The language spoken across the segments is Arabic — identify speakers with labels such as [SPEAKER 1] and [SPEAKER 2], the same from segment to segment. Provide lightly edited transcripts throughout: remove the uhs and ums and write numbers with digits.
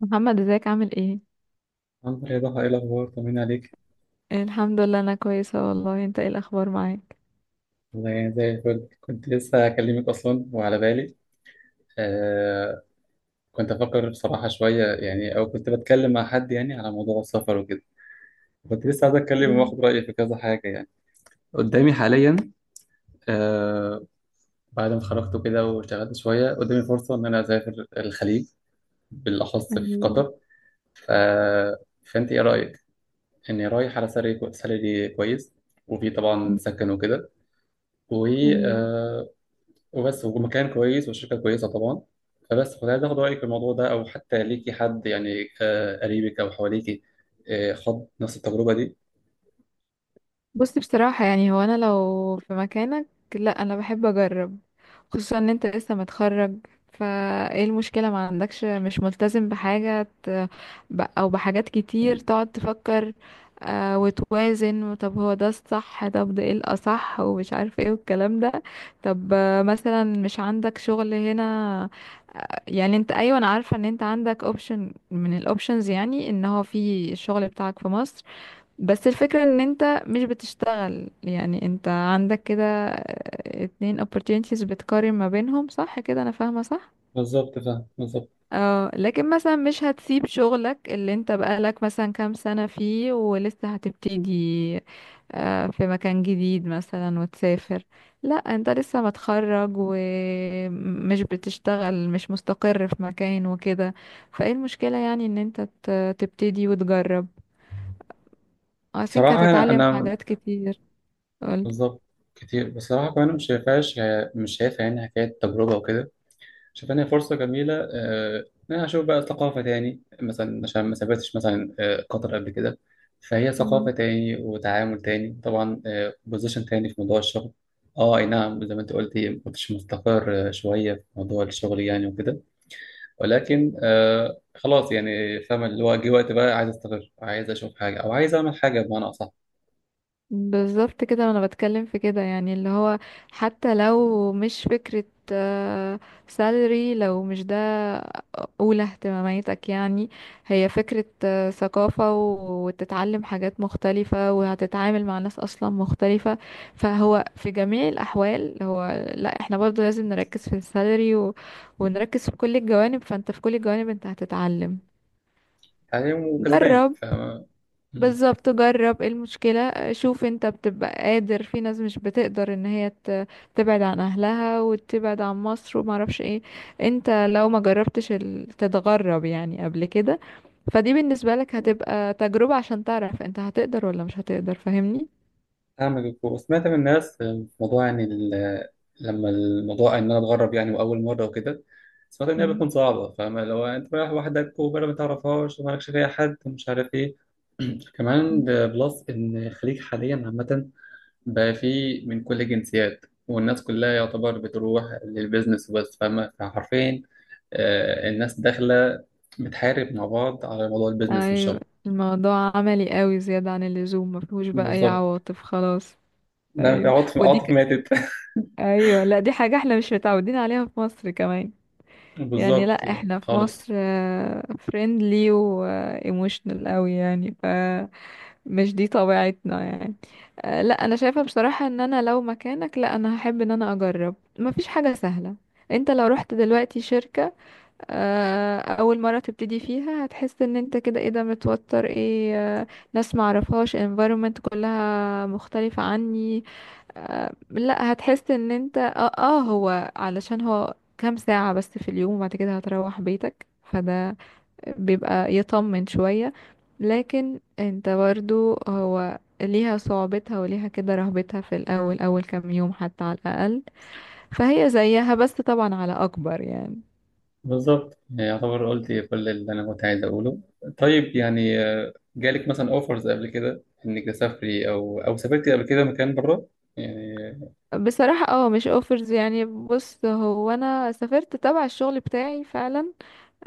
[SPEAKER 1] محمد ازيك؟ عامل ايه؟
[SPEAKER 2] الحمد لله يا ضحى، ايه الاخبار؟ طمني عليك.
[SPEAKER 1] الحمد لله، انا كويسه والله. انت ايه الاخبار معاك؟
[SPEAKER 2] والله يعني زي الفل. كنت لسه اكلمك اصلا وعلى بالي. آه. كنت افكر بصراحه شويه يعني، او كنت بتكلم مع حد يعني على موضوع السفر وكده. كنت لسه عايز اتكلم
[SPEAKER 1] أمم،
[SPEAKER 2] واخد رايي في كذا حاجه يعني. قدامي حاليا. آه. بعد ما اتخرجت وكده واشتغلت شويه، قدامي فرصه ان انا اسافر الخليج، بالاخص في
[SPEAKER 1] أمم،
[SPEAKER 2] قطر. ف... فانت ايه رايك؟ اني رايح على سالري، سالري كويس، وفي طبعا سكن وكده، و
[SPEAKER 1] أمم.
[SPEAKER 2] وبس، ومكان كويس وشركة كويسة طبعا. فبس كنت عايز اخد رأيك في الموضوع ده، او حتى ليكي حد يعني، قريبك او حواليكي، خد نفس التجربة دي.
[SPEAKER 1] بصي بصراحه يعني هو انا لو في مكانك، لا انا بحب اجرب. خصوصا ان انت لسه متخرج، فايه المشكله؟ ما عندكش، مش ملتزم بحاجه، او بحاجات كتير تقعد تفكر وتوازن. طب هو ده الصح؟ طب ده ايه الاصح؟ ومش عارف ايه والكلام ده. طب مثلا مش عندك شغل هنا يعني. انت ايوه، انا عارفه ان انت عندك اوبشن من الاوبشنز، يعني ان هو في الشغل بتاعك في مصر، بس الفكره ان انت مش بتشتغل. يعني انت عندك كده اتنين opportunities بتقارن ما بينهم، صح كده؟ انا فاهمه صح؟
[SPEAKER 2] بالظبط، فاهم بالظبط.
[SPEAKER 1] اه، لكن مثلا مش هتسيب شغلك اللي انت بقالك مثلا كام سنة فيه ولسه هتبتدي في مكان جديد مثلا وتسافر. لا انت لسه متخرج ومش بتشتغل، مش مستقر في مكان وكده، فايه المشكلة؟ يعني ان انت تبتدي وتجرب. I think
[SPEAKER 2] صراحة انا
[SPEAKER 1] هتتعلم
[SPEAKER 2] أنا
[SPEAKER 1] حاجات كتير. قولي.
[SPEAKER 2] بالظبط. كتير بصراحة، كمان مش شايفهاش. مش شايفها يعني حكاية تجربة وكده. شايفانها فرصة جميلة، إن أنا أشوف بقى ثقافة تاني مثلا، عشان ما سافرتش مثلا قطر قبل كده. فهي ثقافة تاني وتعامل تاني طبعا. بوزيشن تاني في موضوع الشغل. اه، اي نعم. زي ما انت قلتي، ما كنتش مستقر شوية في موضوع الشغل يعني وكده. ولكن خلاص، يعني فاهم اللي هو جه وقت بقى، عايز استقر، عايز اشوف حاجة او عايز اعمل حاجة بمعنى اصح.
[SPEAKER 1] بالظبط كده انا بتكلم في كده، يعني اللي هو حتى لو مش فكرة سالري، لو مش ده اولى اهتماماتك يعني، هي فكرة ثقافة وتتعلم حاجات مختلفة وهتتعامل مع ناس اصلا مختلفة. فهو في جميع الاحوال هو، لا احنا برضو لازم نركز في السالري و... ونركز في كل الجوانب. فانت في كل الجوانب انت هتتعلم.
[SPEAKER 2] حاليا وكسبان،
[SPEAKER 1] جرب.
[SPEAKER 2] فاهم.
[SPEAKER 1] بالظبط، جرب، إيه المشكلة؟ شوف انت بتبقى قادر، في ناس مش بتقدر ان هي تبعد عن اهلها وتبعد عن مصر ومعرفش ايه. انت لو ما جربتش تتغرب يعني قبل كده، فدي بالنسبة لك هتبقى تجربة عشان تعرف انت هتقدر ولا مش هتقدر، فاهمني؟
[SPEAKER 2] أعمل الكورة، سمعت من الناس في موضوع يعني، لما الموضوع إن أنا أتغرب يعني وأول مرة وكده. سمعت إن هي
[SPEAKER 1] مم.
[SPEAKER 2] بتكون صعبة، فاهم؟ لو أنت رايح وحدك وبلد ما تعرفهاش ومالكش فيها حد ومش عارف إيه. كمان
[SPEAKER 1] مم.
[SPEAKER 2] ده بلس إن الخليج حاليا عامة بقى فيه من كل الجنسيات، والناس كلها يعتبر بتروح للبيزنس وبس، فاهمة؟ فحرفيا الناس داخلة بتحارب مع بعض على موضوع البيزنس
[SPEAKER 1] ايوه.
[SPEAKER 2] والشغل.
[SPEAKER 1] الموضوع عملي قوي زيادة عن اللزوم، ما فيهوش بقى اي
[SPEAKER 2] بالظبط.
[SPEAKER 1] عواطف خلاص.
[SPEAKER 2] ده
[SPEAKER 1] ايوه
[SPEAKER 2] عاطف عاطف ماتت.
[SPEAKER 1] ايوه، لا دي حاجة احنا مش متعودين عليها في مصر كمان يعني.
[SPEAKER 2] بالظبط،
[SPEAKER 1] لا
[SPEAKER 2] يعني
[SPEAKER 1] احنا في
[SPEAKER 2] خالص.
[SPEAKER 1] مصر فريندلي وايموشنال قوي يعني، ف مش دي طبيعتنا يعني. لا انا شايفة بصراحة ان انا لو مكانك، لا انا هحب ان انا اجرب. مفيش حاجة سهلة، انت لو رحت دلوقتي شركة اول مرة تبتدي فيها، هتحس ان انت كده ايه ده، متوتر ايه. آه، ناس معرفهاش، environment كلها مختلفة عني. لا هتحس ان انت هو علشان هو كام ساعة بس في اليوم وبعد كده هتروح بيتك، فده بيبقى يطمن شوية. لكن انت برضو هو ليها صعوبتها وليها كده رهبتها في الأول، أول كام يوم حتى على الأقل. فهي زيها بس طبعا على أكبر يعني.
[SPEAKER 2] بالظبط يعني، يعتبر قلت كل اللي انا كنت عايز اقوله. طيب، يعني جالك مثلا اوفرز قبل كده انك تسافري، او سافرتي قبل كده مكان بره يعني؟
[SPEAKER 1] بصراحة اه مش اوفرز يعني. بص هو أنا سافرت تبع الشغل بتاعي فعلا.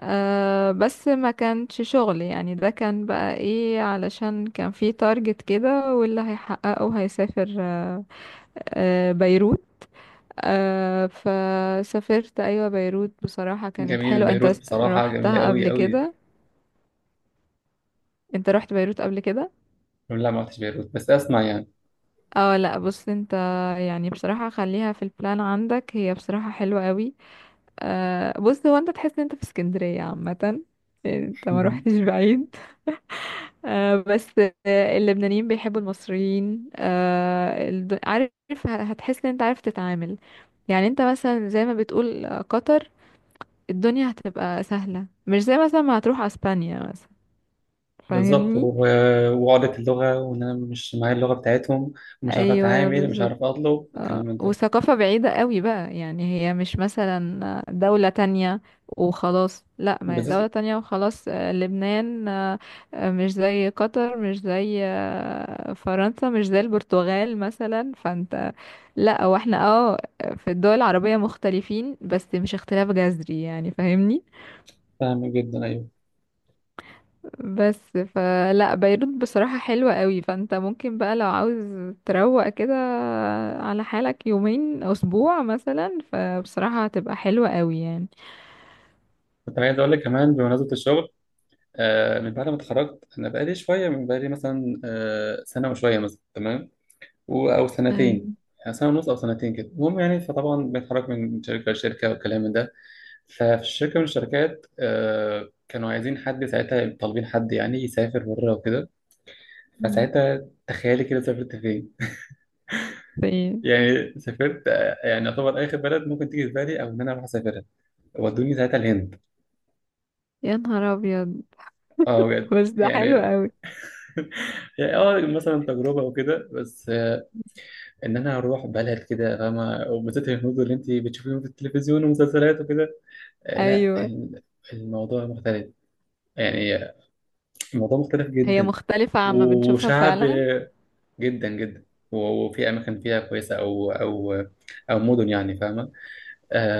[SPEAKER 1] أه بس ما كانش شغل يعني، ده كان بقى ايه، علشان كان في تارجت كده واللي هيحققه هيسافر. أه بيروت. أه فسافرت، ايوه بيروت، بصراحة كانت
[SPEAKER 2] جميل.
[SPEAKER 1] حلوة. انت
[SPEAKER 2] بيروت بصراحه جميله
[SPEAKER 1] رحتها
[SPEAKER 2] قوي
[SPEAKER 1] قبل
[SPEAKER 2] قوي.
[SPEAKER 1] كده؟ انت رحت بيروت قبل كده؟
[SPEAKER 2] لا، ما رحتش بيروت بس اسمع يعني.
[SPEAKER 1] اه لا بص انت، يعني بصراحة خليها في البلان عندك، هي بصراحة حلوة قوي. أه بص هو انت تحس ان انت في اسكندرية عامة، يعني انت ما روحتش بعيد. آه بس اللبنانيين بيحبوا المصريين آه. عارف، هتحس ان انت عارف تتعامل. يعني انت مثلا زي ما بتقول قطر، الدنيا هتبقى سهلة، مش زي مثلا ما هتروح اسبانيا مثلا،
[SPEAKER 2] بالظبط.
[SPEAKER 1] فاهمني؟
[SPEAKER 2] وعقدة اللغه، وان انا مش معايا اللغه بتاعتهم، ومش عارف
[SPEAKER 1] ايوه
[SPEAKER 2] اتعامل، مش
[SPEAKER 1] بالظبط.
[SPEAKER 2] عارف اطلب الكلام من ده
[SPEAKER 1] وثقافة بعيدة قوي بقى، يعني هي مش مثلا دولة تانية وخلاص، لا ما هي
[SPEAKER 2] بالذات.
[SPEAKER 1] دولة تانية وخلاص. لبنان مش زي قطر، مش زي فرنسا، مش زي البرتغال مثلا. فانت، لا واحنا اه في الدول العربية مختلفين بس مش اختلاف جذري يعني، فاهمني؟
[SPEAKER 2] فاهم جدا، ايوه.
[SPEAKER 1] بس فلا بيروت بصراحة حلوة قوي. فانت ممكن بقى لو عاوز تروق كده على حالك يومين او اسبوع مثلا، فبصراحة هتبقى حلوة قوي يعني.
[SPEAKER 2] كنت عايز اقول لك كمان بمناسبه الشغل. من بعد ما اتخرجت، انا بقالي شويه، من بقالي مثلا سنه وشويه مثلا، تمام، او سنتين،
[SPEAKER 1] ايوه.
[SPEAKER 2] يعني سنه ونص او سنتين كده، المهم يعني. فطبعا بنتحرك من شركه لشركه والكلام من ده. ففي شركه من الشركات كانوا عايزين حد ساعتها، طالبين حد يعني يسافر بره وكده.
[SPEAKER 1] مم.
[SPEAKER 2] فساعتها تخيلي كده سافرت فين؟
[SPEAKER 1] في.
[SPEAKER 2] يعني سافرت يعني يعتبر اخر بلد ممكن تيجي في بالي، او ان انا اروح اسافرها. ودوني ساعتها الهند.
[SPEAKER 1] يا نهار ابيض!
[SPEAKER 2] اه، بجد.
[SPEAKER 1] بس ده
[SPEAKER 2] يعني.
[SPEAKER 1] حلو قوي.
[SPEAKER 2] يعني اه، مثلا تجربه وكده، بس ان انا اروح بلد كده، فاهمه؟ وبالذات الهنود اللي انت بتشوفيهم في التلفزيون ومسلسلات وكده. آه، لا
[SPEAKER 1] ايوه.
[SPEAKER 2] ال- الموضوع مختلف، يعني الموضوع مختلف
[SPEAKER 1] هي
[SPEAKER 2] جدا.
[SPEAKER 1] مختلفة عما بنشوفها
[SPEAKER 2] وشعب
[SPEAKER 1] فعلا.
[SPEAKER 2] جدا جدا. و- وفي اماكن فيها كويسه، او او مدن يعني، فاهمه؟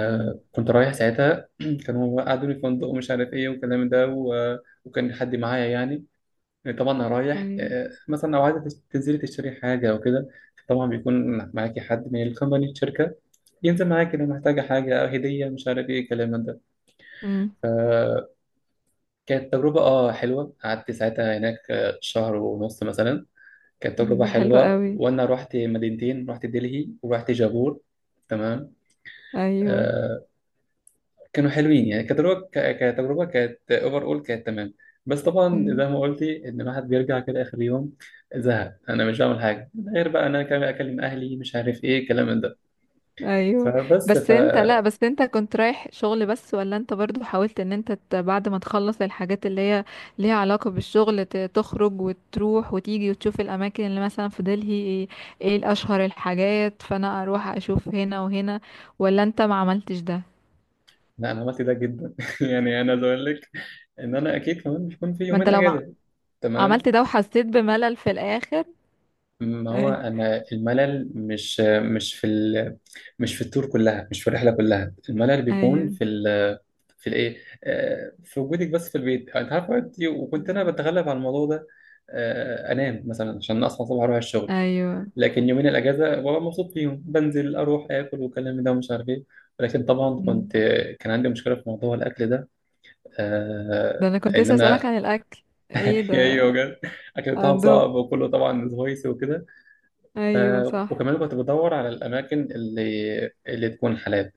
[SPEAKER 1] مم.
[SPEAKER 2] كنت رايح ساعتها كانوا قعدوني في فندق ومش عارف ايه والكلام ده، وكان حد معايا يعني. طبعا انا رايح،
[SPEAKER 1] ايوه.
[SPEAKER 2] مثلا لو عايزه تنزلي تشتري حاجه او كده، طبعا بيكون معاكي حد من الكومباني، الشركه، ينزل معاك كده. محتاجة حاجة أو هدية مش عارف إيه الكلام من ده.
[SPEAKER 1] امم.
[SPEAKER 2] فكانت تجربة حلوة. قعدت ساعتها هناك شهر ونص مثلا. كانت تجربة
[SPEAKER 1] ده حلو
[SPEAKER 2] حلوة،
[SPEAKER 1] قوي.
[SPEAKER 2] وأنا رحت مدينتين، رحت دلهي ورحت جابور. تمام.
[SPEAKER 1] ايوه.
[SPEAKER 2] آه. كانوا حلوين يعني، كتجربة، كتجربة كانت أوفر أول، كانت تمام. بس طبعا زي
[SPEAKER 1] مم.
[SPEAKER 2] ما قلتي، إن الواحد بيرجع كده آخر يوم زهق. أنا مش بعمل حاجة غير بقى، أنا كمان أكلم أهلي مش عارف إيه الكلام من ده.
[SPEAKER 1] ايوه.
[SPEAKER 2] فبس.
[SPEAKER 1] بس انت، لا بس انت كنت رايح شغل بس؟ ولا انت برضو حاولت ان انت بعد ما تخلص الحاجات اللي هي ليها علاقة بالشغل تخرج وتروح وتيجي وتشوف الاماكن اللي مثلا في دلهي، ايه، ايه الاشهر الحاجات، فانا اروح اشوف هنا وهنا؟ ولا انت ما عملتش ده؟
[SPEAKER 2] لا، انا عملت ده جدا. يعني انا عايز اقول لك، ان انا اكيد كمان بيكون في
[SPEAKER 1] ما انت
[SPEAKER 2] يومين
[SPEAKER 1] لو ما
[SPEAKER 2] اجازه، تمام.
[SPEAKER 1] عملت ده وحسيت بملل في الاخر.
[SPEAKER 2] ما هو
[SPEAKER 1] ايوه.
[SPEAKER 2] انا الملل، مش مش في التور كلها، مش في الرحله كلها. الملل بيكون
[SPEAKER 1] ايوه.
[SPEAKER 2] في الايه، في وجودك بس في البيت، انت عارف وقتي، وكنت انا
[SPEAKER 1] مم.
[SPEAKER 2] بتغلب على الموضوع ده، انام مثلا عشان اصحى الصبح اروح الشغل.
[SPEAKER 1] ايوه.
[SPEAKER 2] لكن يومين الاجازه ببقى مبسوط فيهم، بنزل اروح اكل والكلام ده ومش عارف ايه. ولكن طبعا كنت،
[SPEAKER 1] مم.
[SPEAKER 2] كان عندي مشكله في موضوع الاكل ده، آه،
[SPEAKER 1] ده انا كنت
[SPEAKER 2] ان
[SPEAKER 1] لسه اسالك
[SPEAKER 2] انا.
[SPEAKER 1] عن الاكل. ايه
[SPEAKER 2] ايوه
[SPEAKER 1] ده؟
[SPEAKER 2] بجد. الاكل بتاعهم
[SPEAKER 1] عندهم.
[SPEAKER 2] صعب، وكله طبعا سبايسي وكده. ف...
[SPEAKER 1] ايوه صح.
[SPEAKER 2] وكمان كنت بدور على الاماكن اللي تكون حلال.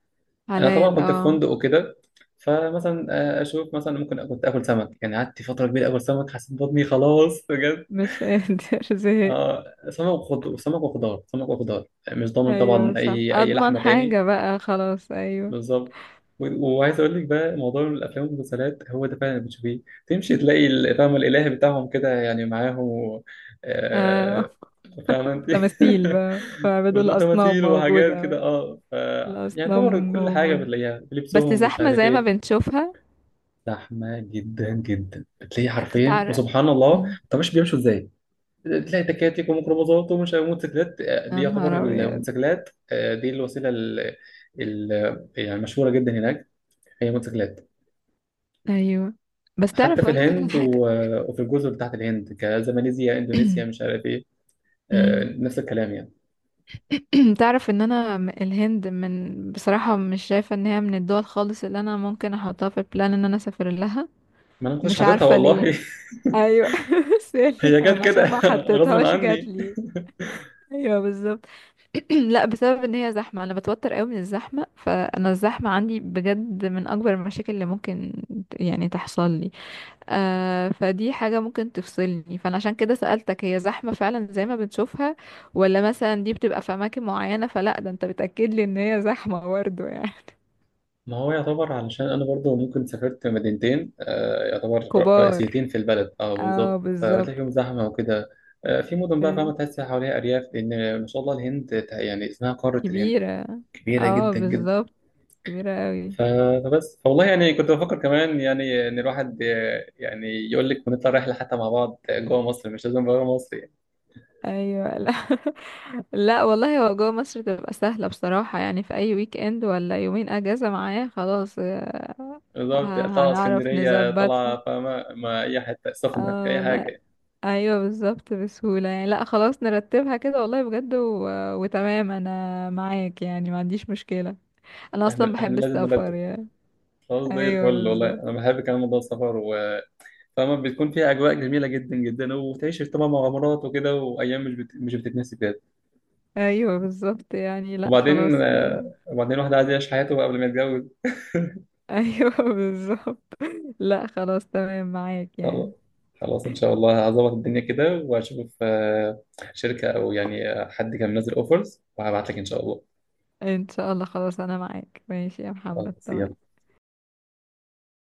[SPEAKER 2] انا طبعا
[SPEAKER 1] حلال
[SPEAKER 2] كنت في
[SPEAKER 1] اه.
[SPEAKER 2] فندق وكده، فمثلا اشوف مثلا، ممكن كنت اكل سمك. يعني قعدت فتره كبيره اكل سمك، حسيت بطني خلاص بجد.
[SPEAKER 1] مش قادر زهق.
[SPEAKER 2] اه. سمك وخضار، سمك وخضار، سمك وخضار. مش ضامن طبعا
[SPEAKER 1] ايوه صح،
[SPEAKER 2] اي
[SPEAKER 1] اضمن
[SPEAKER 2] لحمه تاني.
[SPEAKER 1] حاجة بقى خلاص، ايوه.
[SPEAKER 2] بالظبط. وعايز اقول لك بقى، موضوع الافلام والمسلسلات هو ده فعلا اللي بتشوفيه. تمشي تلاقي فاهمه، الالهي بتاعهم كده يعني معاهم،
[SPEAKER 1] آه.
[SPEAKER 2] آه، فاهمه انت؟
[SPEAKER 1] تماثيل بقى، فبدو الاصنام
[SPEAKER 2] وتماثيل وحاجات
[SPEAKER 1] موجودة.
[SPEAKER 2] كده، اه. يعني طبعا
[SPEAKER 1] الاصنام
[SPEAKER 2] كل حاجه
[SPEAKER 1] موجودة.
[SPEAKER 2] بتلاقيها،
[SPEAKER 1] بس
[SPEAKER 2] لبسهم، مش
[SPEAKER 1] زحمة
[SPEAKER 2] عارف
[SPEAKER 1] زي ما
[SPEAKER 2] ايه.
[SPEAKER 1] بنشوفها؟
[SPEAKER 2] زحمه جدا جدا، بتلاقي حرفيا،
[SPEAKER 1] تتعرق.
[SPEAKER 2] وسبحان الله.
[SPEAKER 1] مم.
[SPEAKER 2] طب مش بيمشوا ازاي؟ تلاقي تكاتك وميكروباصات ومش عارف موتوسيكلات، دي
[SPEAKER 1] يا نهار
[SPEAKER 2] يعتبر
[SPEAKER 1] ابيض!
[SPEAKER 2] الموتوسيكلات، دي الوسيله يعني مشهوره جدا هناك. هي موتوسيكلات.
[SPEAKER 1] ايوه. بس
[SPEAKER 2] حتى
[SPEAKER 1] تعرف
[SPEAKER 2] في
[SPEAKER 1] اقولك على
[SPEAKER 2] الهند،
[SPEAKER 1] حاجة.
[SPEAKER 2] وفي الجزر بتاعت الهند كزماليزيا، اندونيسيا، مش عارف ايه،
[SPEAKER 1] مم.
[SPEAKER 2] نفس الكلام يعني.
[SPEAKER 1] تعرف ان انا الهند من بصراحة مش شايفة ان هي من الدول خالص اللي انا ممكن احطها في البلان ان انا اسافر لها.
[SPEAKER 2] ما انا ما كنتش
[SPEAKER 1] مش
[SPEAKER 2] حاططها
[SPEAKER 1] عارفة ليه.
[SPEAKER 2] والله.
[SPEAKER 1] ايوه. سالي
[SPEAKER 2] هي جت
[SPEAKER 1] انا،
[SPEAKER 2] كده.
[SPEAKER 1] عشان ما
[SPEAKER 2] غصب
[SPEAKER 1] حطيتهاش جات
[SPEAKER 2] عني.
[SPEAKER 1] لي. ايوه بالظبط. لا بسبب ان هي زحمه، انا بتوتر قوي من الزحمه، فانا الزحمه عندي بجد من اكبر المشاكل اللي ممكن يعني تحصل لي. آه فدي حاجه ممكن تفصلني، فانا عشان كده سالتك، هي زحمه فعلا زي ما بنشوفها؟ ولا مثلا دي بتبقى في اماكن معينه؟ فلا ده انت بتاكد لي ان هي زحمه برضه يعني.
[SPEAKER 2] ما هو يعتبر، علشان انا برضو ممكن سافرت مدينتين يعتبر رئيسيتين
[SPEAKER 1] كبار.
[SPEAKER 2] في البلد، اه
[SPEAKER 1] اه
[SPEAKER 2] بالظبط،
[SPEAKER 1] بالظبط.
[SPEAKER 2] فبتلاقي فيهم زحمه وكده. في مدن بقى، فاهمة؟
[SPEAKER 1] أيوة.
[SPEAKER 2] تحس حواليها أرياف، لأن ما شاء الله الهند يعني اسمها قارة الهند،
[SPEAKER 1] كبيره.
[SPEAKER 2] كبيرة
[SPEAKER 1] اه
[SPEAKER 2] جدا جدا.
[SPEAKER 1] بالظبط. كبيره قوي.
[SPEAKER 2] فبس والله، يعني كنت بفكر كمان يعني ان الواحد، يعني يقول لك، ونطلع رحله حتى مع بعض جوه مصر، مش لازم بره مصر يعني.
[SPEAKER 1] ايوه لا. لا والله، هو جوه مصر تبقى سهله بصراحه يعني، في اي ويك اند ولا يومين اجازه معايا خلاص.
[SPEAKER 2] بالظبط. طالعه
[SPEAKER 1] هنعرف
[SPEAKER 2] اسكندريه،
[SPEAKER 1] نظبطها.
[SPEAKER 2] طالعه فاهمه، ما اي حته سخنه،
[SPEAKER 1] اه
[SPEAKER 2] اي
[SPEAKER 1] والله.
[SPEAKER 2] حاجه.
[SPEAKER 1] ايوه بالظبط، بسهوله يعني. لا خلاص نرتبها كده والله بجد وتمام، انا معاك يعني، ما عنديش مشكله. انا اصلا
[SPEAKER 2] احنا
[SPEAKER 1] بحب
[SPEAKER 2] لازم
[SPEAKER 1] السفر
[SPEAKER 2] نرتب.
[SPEAKER 1] يعني.
[SPEAKER 2] خلاص، زي الفل
[SPEAKER 1] ايوه
[SPEAKER 2] والله.
[SPEAKER 1] بالظبط.
[SPEAKER 2] انا بحب كمان موضوع السفر، فاهمه، بتكون فيها اجواء جميله جدا جدا، وبتعيش طبعا مغامرات وكده، وايام مش بتتنسي بجد.
[SPEAKER 1] ايوه بالظبط يعني، لا
[SPEAKER 2] وبعدين
[SPEAKER 1] خلاص.
[SPEAKER 2] وبعدين الواحد عايز يعيش حياته قبل ما يتجوز.
[SPEAKER 1] ايوه بالظبط. لا خلاص تمام معاك
[SPEAKER 2] خلاص.
[SPEAKER 1] يعني.
[SPEAKER 2] خلاص ان شاء الله، هظبط الدنيا كده، واشوف شركة، او يعني حد كان منزل اوفرز، وهبعت لك ان شاء الله.
[SPEAKER 1] ان شاء الله. خلاص انا معاك، ماشي يا محمد،
[SPEAKER 2] خلاص
[SPEAKER 1] تمام.
[SPEAKER 2] يلا.
[SPEAKER 1] ماشي، باي باي.